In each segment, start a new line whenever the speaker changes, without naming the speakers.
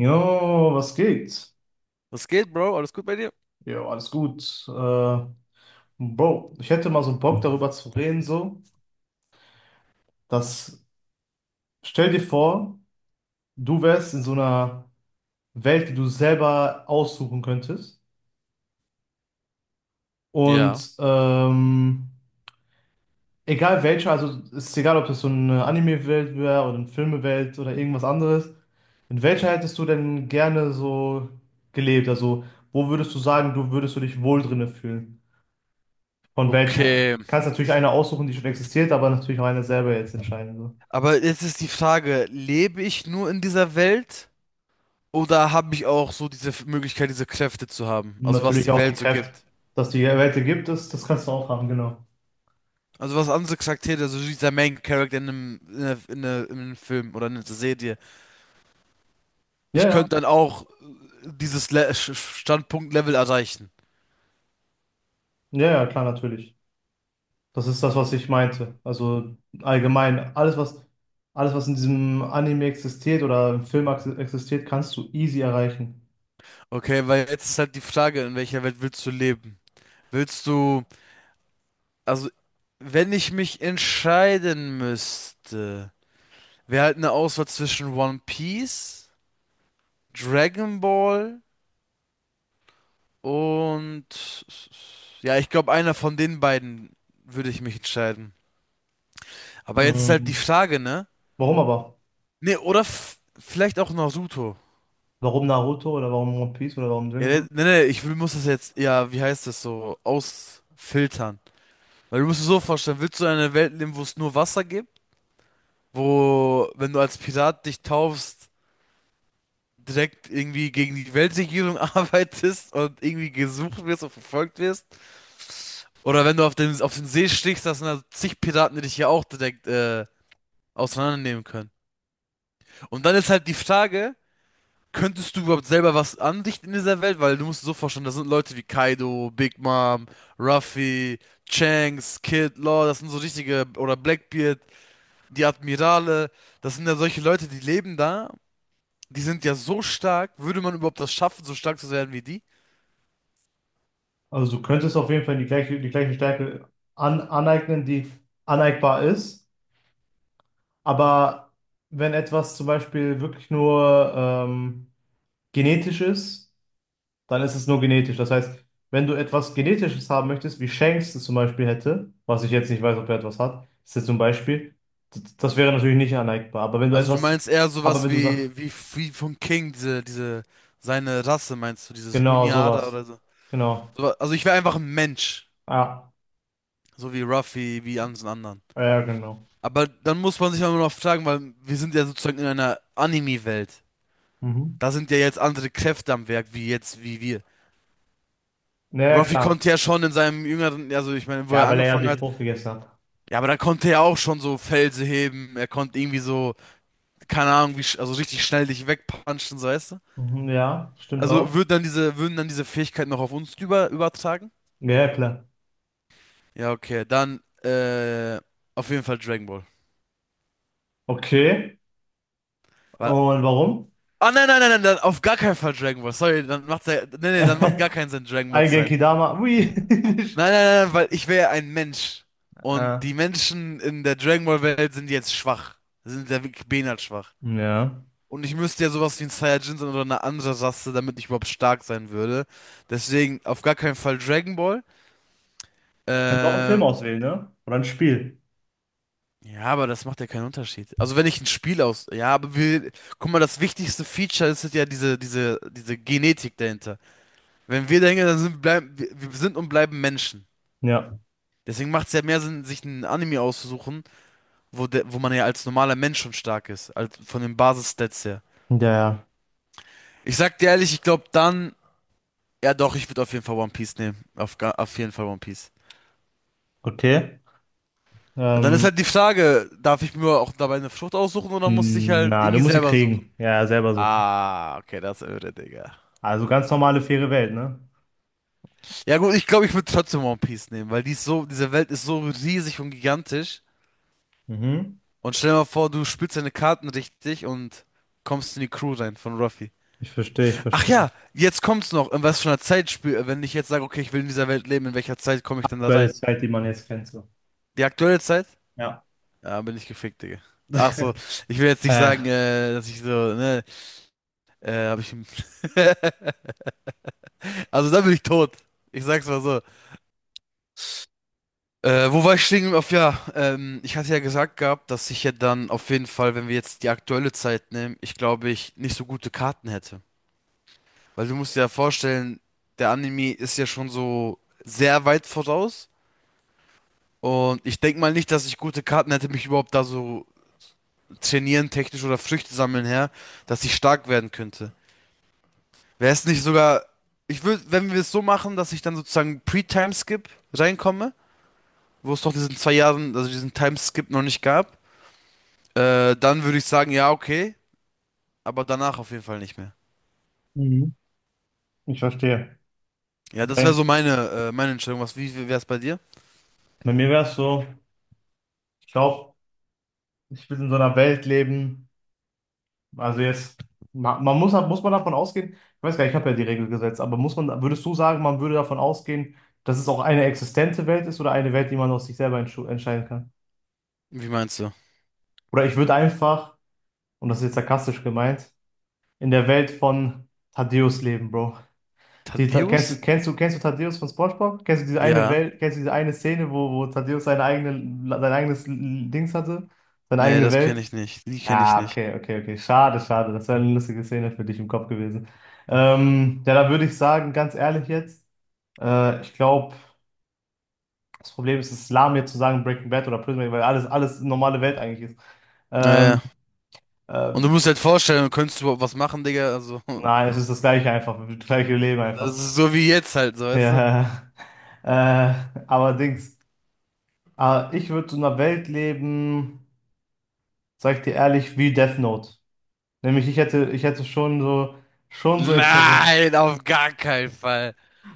Jo, was geht?
Was geht, Bro? Alles gut bei dir?
Jo, alles gut. Bro, ich hätte mal so Bock darüber zu reden, so, dass, stell dir vor, du wärst in so einer Welt, die du selber aussuchen könntest.
Ja.
Und egal welche, also es ist egal, ob das so eine Anime-Welt wäre oder eine Filme-Welt oder irgendwas anderes. In welcher hättest du denn gerne so gelebt? Also, wo würdest du sagen, du würdest du dich wohl drinne fühlen? Von welcher?
Okay.
Kannst natürlich eine aussuchen, die schon existiert, aber natürlich auch eine selber jetzt entscheiden. So.
Aber jetzt ist die Frage, lebe ich nur in dieser Welt oder habe ich auch so diese Möglichkeit, diese Kräfte zu haben?
Und
Also was
natürlich
die
auch
Welt
die
so
Kräfte,
gibt.
dass die Welt gibt, das kannst du auch haben, genau.
Also was andere Charaktere, also dieser Main Character in einem Film oder in einer Serie.
Ja,
Ich
ja,
könnte dann auch dieses Standpunkt-Level erreichen.
ja, klar, natürlich. Das ist das, was ich meinte. Also allgemein, alles, was in diesem Anime existiert oder im Film existiert, kannst du easy erreichen.
Okay, weil jetzt ist halt die Frage, in welcher Welt willst du leben? Willst du, also wenn ich mich entscheiden müsste. Wäre halt eine Auswahl zwischen One Piece, Dragon Ball und ja, ich glaube, einer von den beiden würde ich mich entscheiden. Aber jetzt ist halt die
Mhm.
Frage, ne?
Warum aber?
Ne, oder vielleicht auch Naruto.
Warum Naruto oder warum One Piece oder warum
Ja,
Dragon
ne,
Ball?
ne, ne, ich will, muss das jetzt, ja, wie heißt das so, ausfiltern. Weil du musst dir so vorstellen, willst du in einer Welt leben, wo es nur Wasser gibt? Wo, wenn du als Pirat dich taufst, direkt irgendwie gegen die Weltregierung arbeitest und irgendwie gesucht wirst und verfolgt wirst? Oder wenn du auf den See stichst, das sind da zig Piraten, die dich hier auch direkt auseinandernehmen können. Und dann ist halt die Frage, könntest du überhaupt selber was anrichten in dieser Welt? Weil du musst dir so vorstellen, das sind Leute wie Kaido, Big Mom, Ruffy, Shanks, Kid, Law, das sind so richtige, oder Blackbeard, die Admirale, das sind ja solche Leute, die leben da, die sind ja so stark, würde man überhaupt das schaffen, so stark zu werden wie die?
Also du könntest auf jeden Fall die gleiche Stärke aneignen, die aneignbar ist. Aber wenn etwas zum Beispiel wirklich nur genetisch ist, dann ist es nur genetisch. Das heißt, wenn du etwas Genetisches haben möchtest, wie Shanks es zum Beispiel hätte, was ich jetzt nicht weiß, ob er etwas hat, ist jetzt zum Beispiel, das wäre natürlich nicht aneignbar.
Also du meinst eher
Aber
sowas
wenn du sagst,
wie, wie von King, seine Rasse, meinst du, dieses
genau,
Luniada
sowas,
oder so.
genau,
So also ich wäre einfach ein Mensch,
ja,
so wie Ruffy, wie alle anderen.
ja, genau.
Aber dann muss man sich auch immer noch fragen, weil wir sind ja sozusagen in einer Anime-Welt.
Mhm.
Da sind ja jetzt andere Kräfte am Werk, wie jetzt, wie wir.
Naja,
Ruffy
klar.
konnte ja schon in seinem jüngeren, also ich meine, wo er
Ja, weil er ja
angefangen
die
hat,
Frucht gegessen hat.
ja, aber da konnte er auch schon so Felsen heben, er konnte irgendwie so, keine Ahnung, wie, also richtig schnell dich wegpunchen, so weißt du?
Mhm, ja, stimmt
Also
auch.
würden dann diese Fähigkeiten noch auf uns übertragen?
Ja, ja, klar.
Ja, okay, dann auf jeden Fall Dragon Ball.
Okay.
Weil,
Und warum?
ah, nein, dann auf gar keinen Fall Dragon Ball. Sorry, dann macht's ja, nee, dann macht gar keinen Sinn, Dragon Ball
Ein
zu sein.
Genki Dama. Ui.
Nein, weil ich wäre ja ein Mensch.
Äh,
Und die Menschen in der Dragon Ball Welt sind jetzt schwach. Sind ja wirklich behindert schwach.
ja.
Und ich müsste ja sowas wie ein Saiyajin sein oder eine andere Rasse, damit ich überhaupt stark sein würde. Deswegen auf gar keinen Fall Dragon Ball.
Könntest auch einen Film
Ähm,
auswählen, ne? Oder ein Spiel.
Ja, aber das macht ja keinen Unterschied. Also wenn ich ein Spiel aus... Ja, aber wir... Guck mal, das wichtigste Feature ist ja diese Genetik dahinter. Wenn wir denken, wir sind und bleiben Menschen.
Ja.
Deswegen macht es ja mehr Sinn, sich ein Anime auszusuchen, wo man ja als normaler Mensch schon stark ist. Als, von den Basis-Stats her.
Ja, ja.
Ich sag dir ehrlich, ich glaube dann... Ja doch, ich würde auf jeden Fall One Piece nehmen. Auf jeden Fall One Piece.
Okay.
Dann ist
Ähm,
halt die Frage, darf ich mir auch dabei eine Frucht aussuchen oder muss ich halt
na, du
irgendwie
musst sie
selber suchen?
kriegen. Ja, ja, selber suchen.
Ah, okay, das irre, Digga.
Also ganz normale, faire Welt, ne?
Ja gut, ich glaube, ich würde trotzdem One Piece nehmen, weil die ist so, diese Welt ist so riesig und gigantisch.
Mhm.
Und stell dir mal vor, du spielst deine Karten richtig und kommst in die Crew rein von Ruffy.
Ich verstehe, ich
Ach ja,
verstehe.
jetzt kommt's noch. In was für einer Zeit spiel, wenn ich jetzt sage, okay, ich will in dieser Welt leben, in welcher Zeit komme ich dann da
Aktuelle
rein?
Zeit, die man jetzt kennt, so.
Die aktuelle Zeit?
Ja.
Ja, bin ich gefickt, Digga. Ach so, ich will jetzt nicht sagen,
Äh,
dass ich so, ne, hab ich. Also da bin ich tot. Ich sag's mal so. Wo war ich stehen? Auf ja, ich hatte ja gesagt gehabt, dass ich ja dann auf jeden Fall, wenn wir jetzt die aktuelle Zeit nehmen, ich glaube, ich nicht so gute Karten hätte. Weil du musst dir ja vorstellen, der Anime ist ja schon so sehr weit voraus. Und ich denke mal nicht, dass ich gute Karten hätte, mich überhaupt da so trainieren, technisch oder Früchte sammeln her, dass ich stark werden könnte. Wäre es nicht sogar, ich würde, wenn wir es so machen, dass ich dann sozusagen Pre-Time-Skip reinkomme, wo es doch diesen zwei Jahren, also diesen Time-Skip noch nicht gab. Dann würde ich sagen, ja, okay, aber danach auf jeden Fall nicht mehr.
mhm. Ich verstehe.
Ja, das wäre
Bei,
so meine, meine Entscheidung. Was, wie wäre es bei dir?
bei mir wäre es so, ich glaube, ich will in so einer Welt leben. Also jetzt, man muss man davon ausgehen, ich weiß gar nicht, ich habe ja die Regel gesetzt, aber muss man, würdest du sagen, man würde davon ausgehen, dass es auch eine existente Welt ist oder eine Welt, die man aus sich selber entscheiden kann?
Wie meinst du?
Oder ich würde einfach, und das ist jetzt sarkastisch gemeint, in der Welt von Thaddeus leben, Bro. Die, Ta- kennst
Thaddeus?
du, kennst du, kennst du Thaddeus von SpongeBob? Kennst du diese eine
Ja.
Welt, kennst du diese eine Szene, wo Thaddeus sein eigenes Dings hatte, seine
Nee,
eigene
das kenne
Welt?
ich nicht. Die kenne ich
Ah,
nicht.
okay. Schade, schade. Das wäre eine lustige Szene für dich im Kopf gewesen. Ja, da würde ich sagen, ganz ehrlich jetzt, ich glaube, das Problem ist, es ist lahm jetzt zu sagen Breaking Bad oder Prison Break, weil alles normale Welt eigentlich ist. Ähm,
Naja.
äh,
Und du musst halt vorstellen, könntest du überhaupt was machen, Digga? Also,
nein, es ist das gleiche einfach, das gleiche Leben
das
einfach.
ist so wie jetzt halt, so, weißt du?
Ja, äh, aber Dings, ich würde in einer Welt leben, sag ich dir ehrlich, wie Death Note. Nämlich ich hätte schon so Interesse.
Nein, auf gar keinen Fall.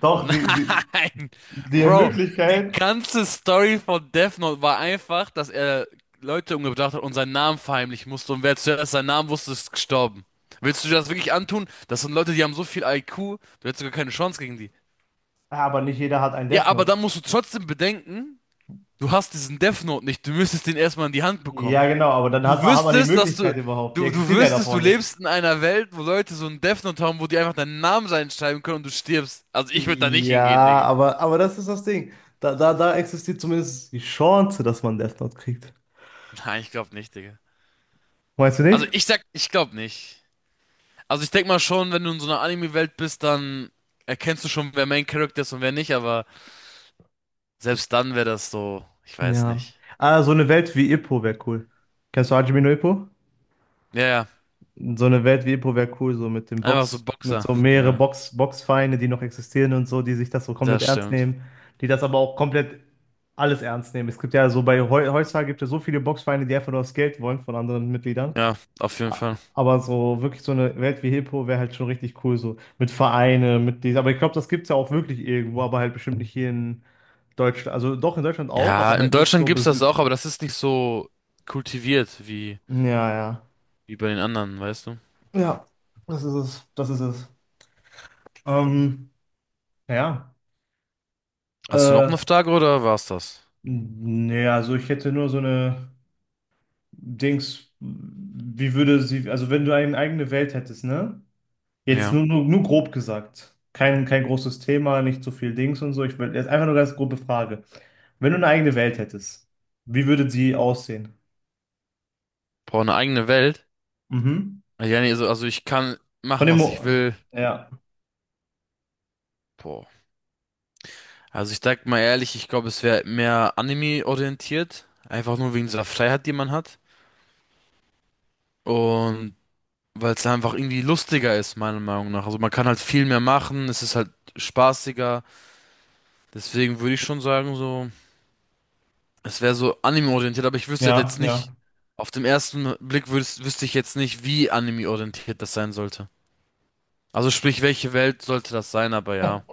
Doch,
Nein,
die
Bro, die
Möglichkeit,
ganze Story von Death Note war einfach, dass er Leute umgebracht hat und seinen Namen verheimlichen musste und wer zuerst seinen Namen wusste, ist gestorben. Willst du dir das wirklich antun? Das sind Leute, die haben so viel IQ, du hättest sogar keine Chance gegen die.
aber nicht jeder hat ein
Ja,
Death
aber
Note.
dann musst du trotzdem bedenken, du hast diesen Death Note nicht, du müsstest den erstmal in die Hand bekommen.
Ja, genau, aber dann
Du
hat man die
wüsstest, dass du,
Möglichkeit überhaupt. Die
du
existiert ja
wüsstest, du
davor nicht.
lebst in einer Welt, wo Leute so einen Death Note haben, wo die einfach deinen Namen reinschreiben können und du stirbst. Also ich würde da nicht hingehen,
Ja,
Digga.
aber das ist das Ding. Da existiert zumindest die Chance, dass man Death Note kriegt.
Nein, ich glaube nicht, Digga.
Meinst du
Also
nicht?
ich sag, ich glaube nicht. Also ich denk mal schon, wenn du in so einer Anime-Welt bist, dann erkennst du schon, wer Main Character ist und wer nicht, aber selbst dann wäre das so, ich weiß
Ja.
nicht.
Ah, so eine Welt wie Ippo wäre cool. Kennst du Hajime no Ippo?
Ja, ja,
So eine Welt wie Epo wäre cool, so mit dem
einfach so
Box, mit
Boxer.
so mehrere
Ja,
Box, Boxvereine, die noch existieren und so, die sich das so komplett
das
ernst
stimmt.
nehmen, die das aber auch komplett alles ernst nehmen. Es gibt ja so bei heutzutage gibt es ja so viele Boxvereine, die einfach nur das Geld wollen von anderen Mitgliedern.
Ja, auf jeden Fall.
Aber so wirklich so eine Welt wie Hippo wäre halt schon richtig cool, so mit Vereine, mit dies. Aber ich glaube, das gibt es ja auch wirklich irgendwo, aber halt bestimmt nicht hier in Deutschland. Also doch in Deutschland auch,
Ja,
aber
in
halt nicht
Deutschland
so
gibt's
besü.
das auch, aber das ist nicht so kultiviert wie,
Ja, ja.
wie bei den anderen, weißt du?
Ja, das ist es. Das ist es. Ähm, ja.
Hast du noch
Äh,
eine Frage oder war's das?
nee, also ich hätte nur so eine Dings, wie würde sie, also wenn du eine eigene Welt hättest, ne? Jetzt
Ja.
nur grob gesagt. Kein großes Thema, nicht so viel Dings und so. Ich will jetzt einfach nur ganz grobe Frage. Wenn du eine eigene Welt hättest, wie würde sie aussehen?
Boah, eine eigene Welt?
Mhm.
Ja, nee, also ich kann
Von
machen,
dem
was ich
Mo
will.
ja,
Boah. Also ich sag mal ehrlich, ich glaube, es wäre mehr Anime-orientiert. Einfach nur wegen dieser Freiheit, die man hat. Und weil es einfach irgendwie lustiger ist, meiner Meinung nach. Also man kann halt viel mehr machen, es ist halt spaßiger. Deswegen würde ich schon sagen, so, es wäre so Anime-orientiert, aber ich wüsste halt
ja,
jetzt nicht,
ja.
auf dem ersten Blick würdest, wüsste ich jetzt nicht, wie Anime-orientiert das sein sollte. Also sprich, welche Welt sollte das sein, aber ja.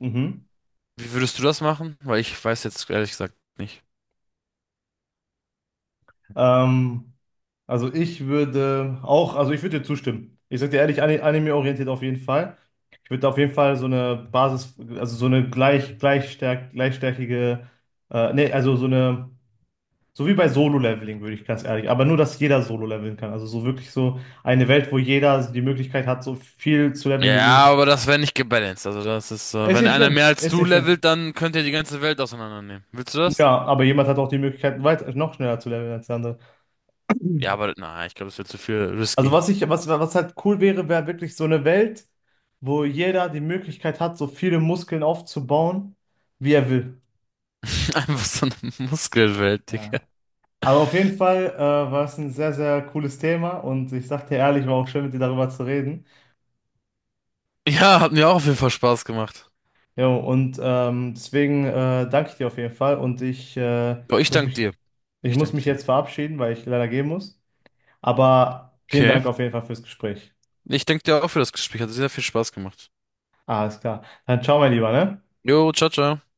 Mhm.
Wie würdest du das machen? Weil ich weiß jetzt ehrlich gesagt nicht.
Ähm, also ich würde auch, also ich würde dir zustimmen. Ich sag dir ehrlich, anime-orientiert auf jeden Fall. Ich würde auf jeden Fall so eine Basis, also so eine gleichstärkige, also so eine, so wie bei Solo-Leveling, würde ich ganz ehrlich, aber nur, dass jeder Solo-Leveln kann. Also so wirklich so eine Welt, wo jeder die Möglichkeit hat, so viel zu leveln wie
Ja,
möglich.
aber das wäre nicht gebalanced. Also das ist,
Ist
wenn
nicht
einer mehr
schlimm,
als
ist
du
nicht schlimm.
levelt, dann könnt ihr die ganze Welt auseinandernehmen. Willst du das?
Ja, aber jemand hat auch die Möglichkeit, weiter, noch schneller zu leveln als der andere.
Ja, aber na, ich glaube, das wird zu viel
Also
risky.
was halt cool wäre, wäre wirklich so eine Welt, wo jeder die Möglichkeit hat, so viele Muskeln aufzubauen, wie er will.
Einfach so eine Muskelwelt, Digga.
Ja. Aber auf jeden Fall war es ein sehr, sehr cooles Thema und ich sag dir ehrlich, war auch schön, mit dir darüber zu reden.
Ja, hat mir auch auf jeden Fall Spaß gemacht.
Jo, und deswegen danke ich dir auf jeden Fall und
Boah, ich
muss
danke
mich,
dir.
ich
Ich
muss
danke
mich
dir.
jetzt verabschieden, weil ich leider gehen muss. Aber vielen
Okay.
Dank auf jeden Fall fürs Gespräch.
Ich danke dir auch für das Gespräch. Hat sehr viel Spaß gemacht.
Alles klar. Dann ciao, mein Lieber, ne?
Jo, ciao, ciao.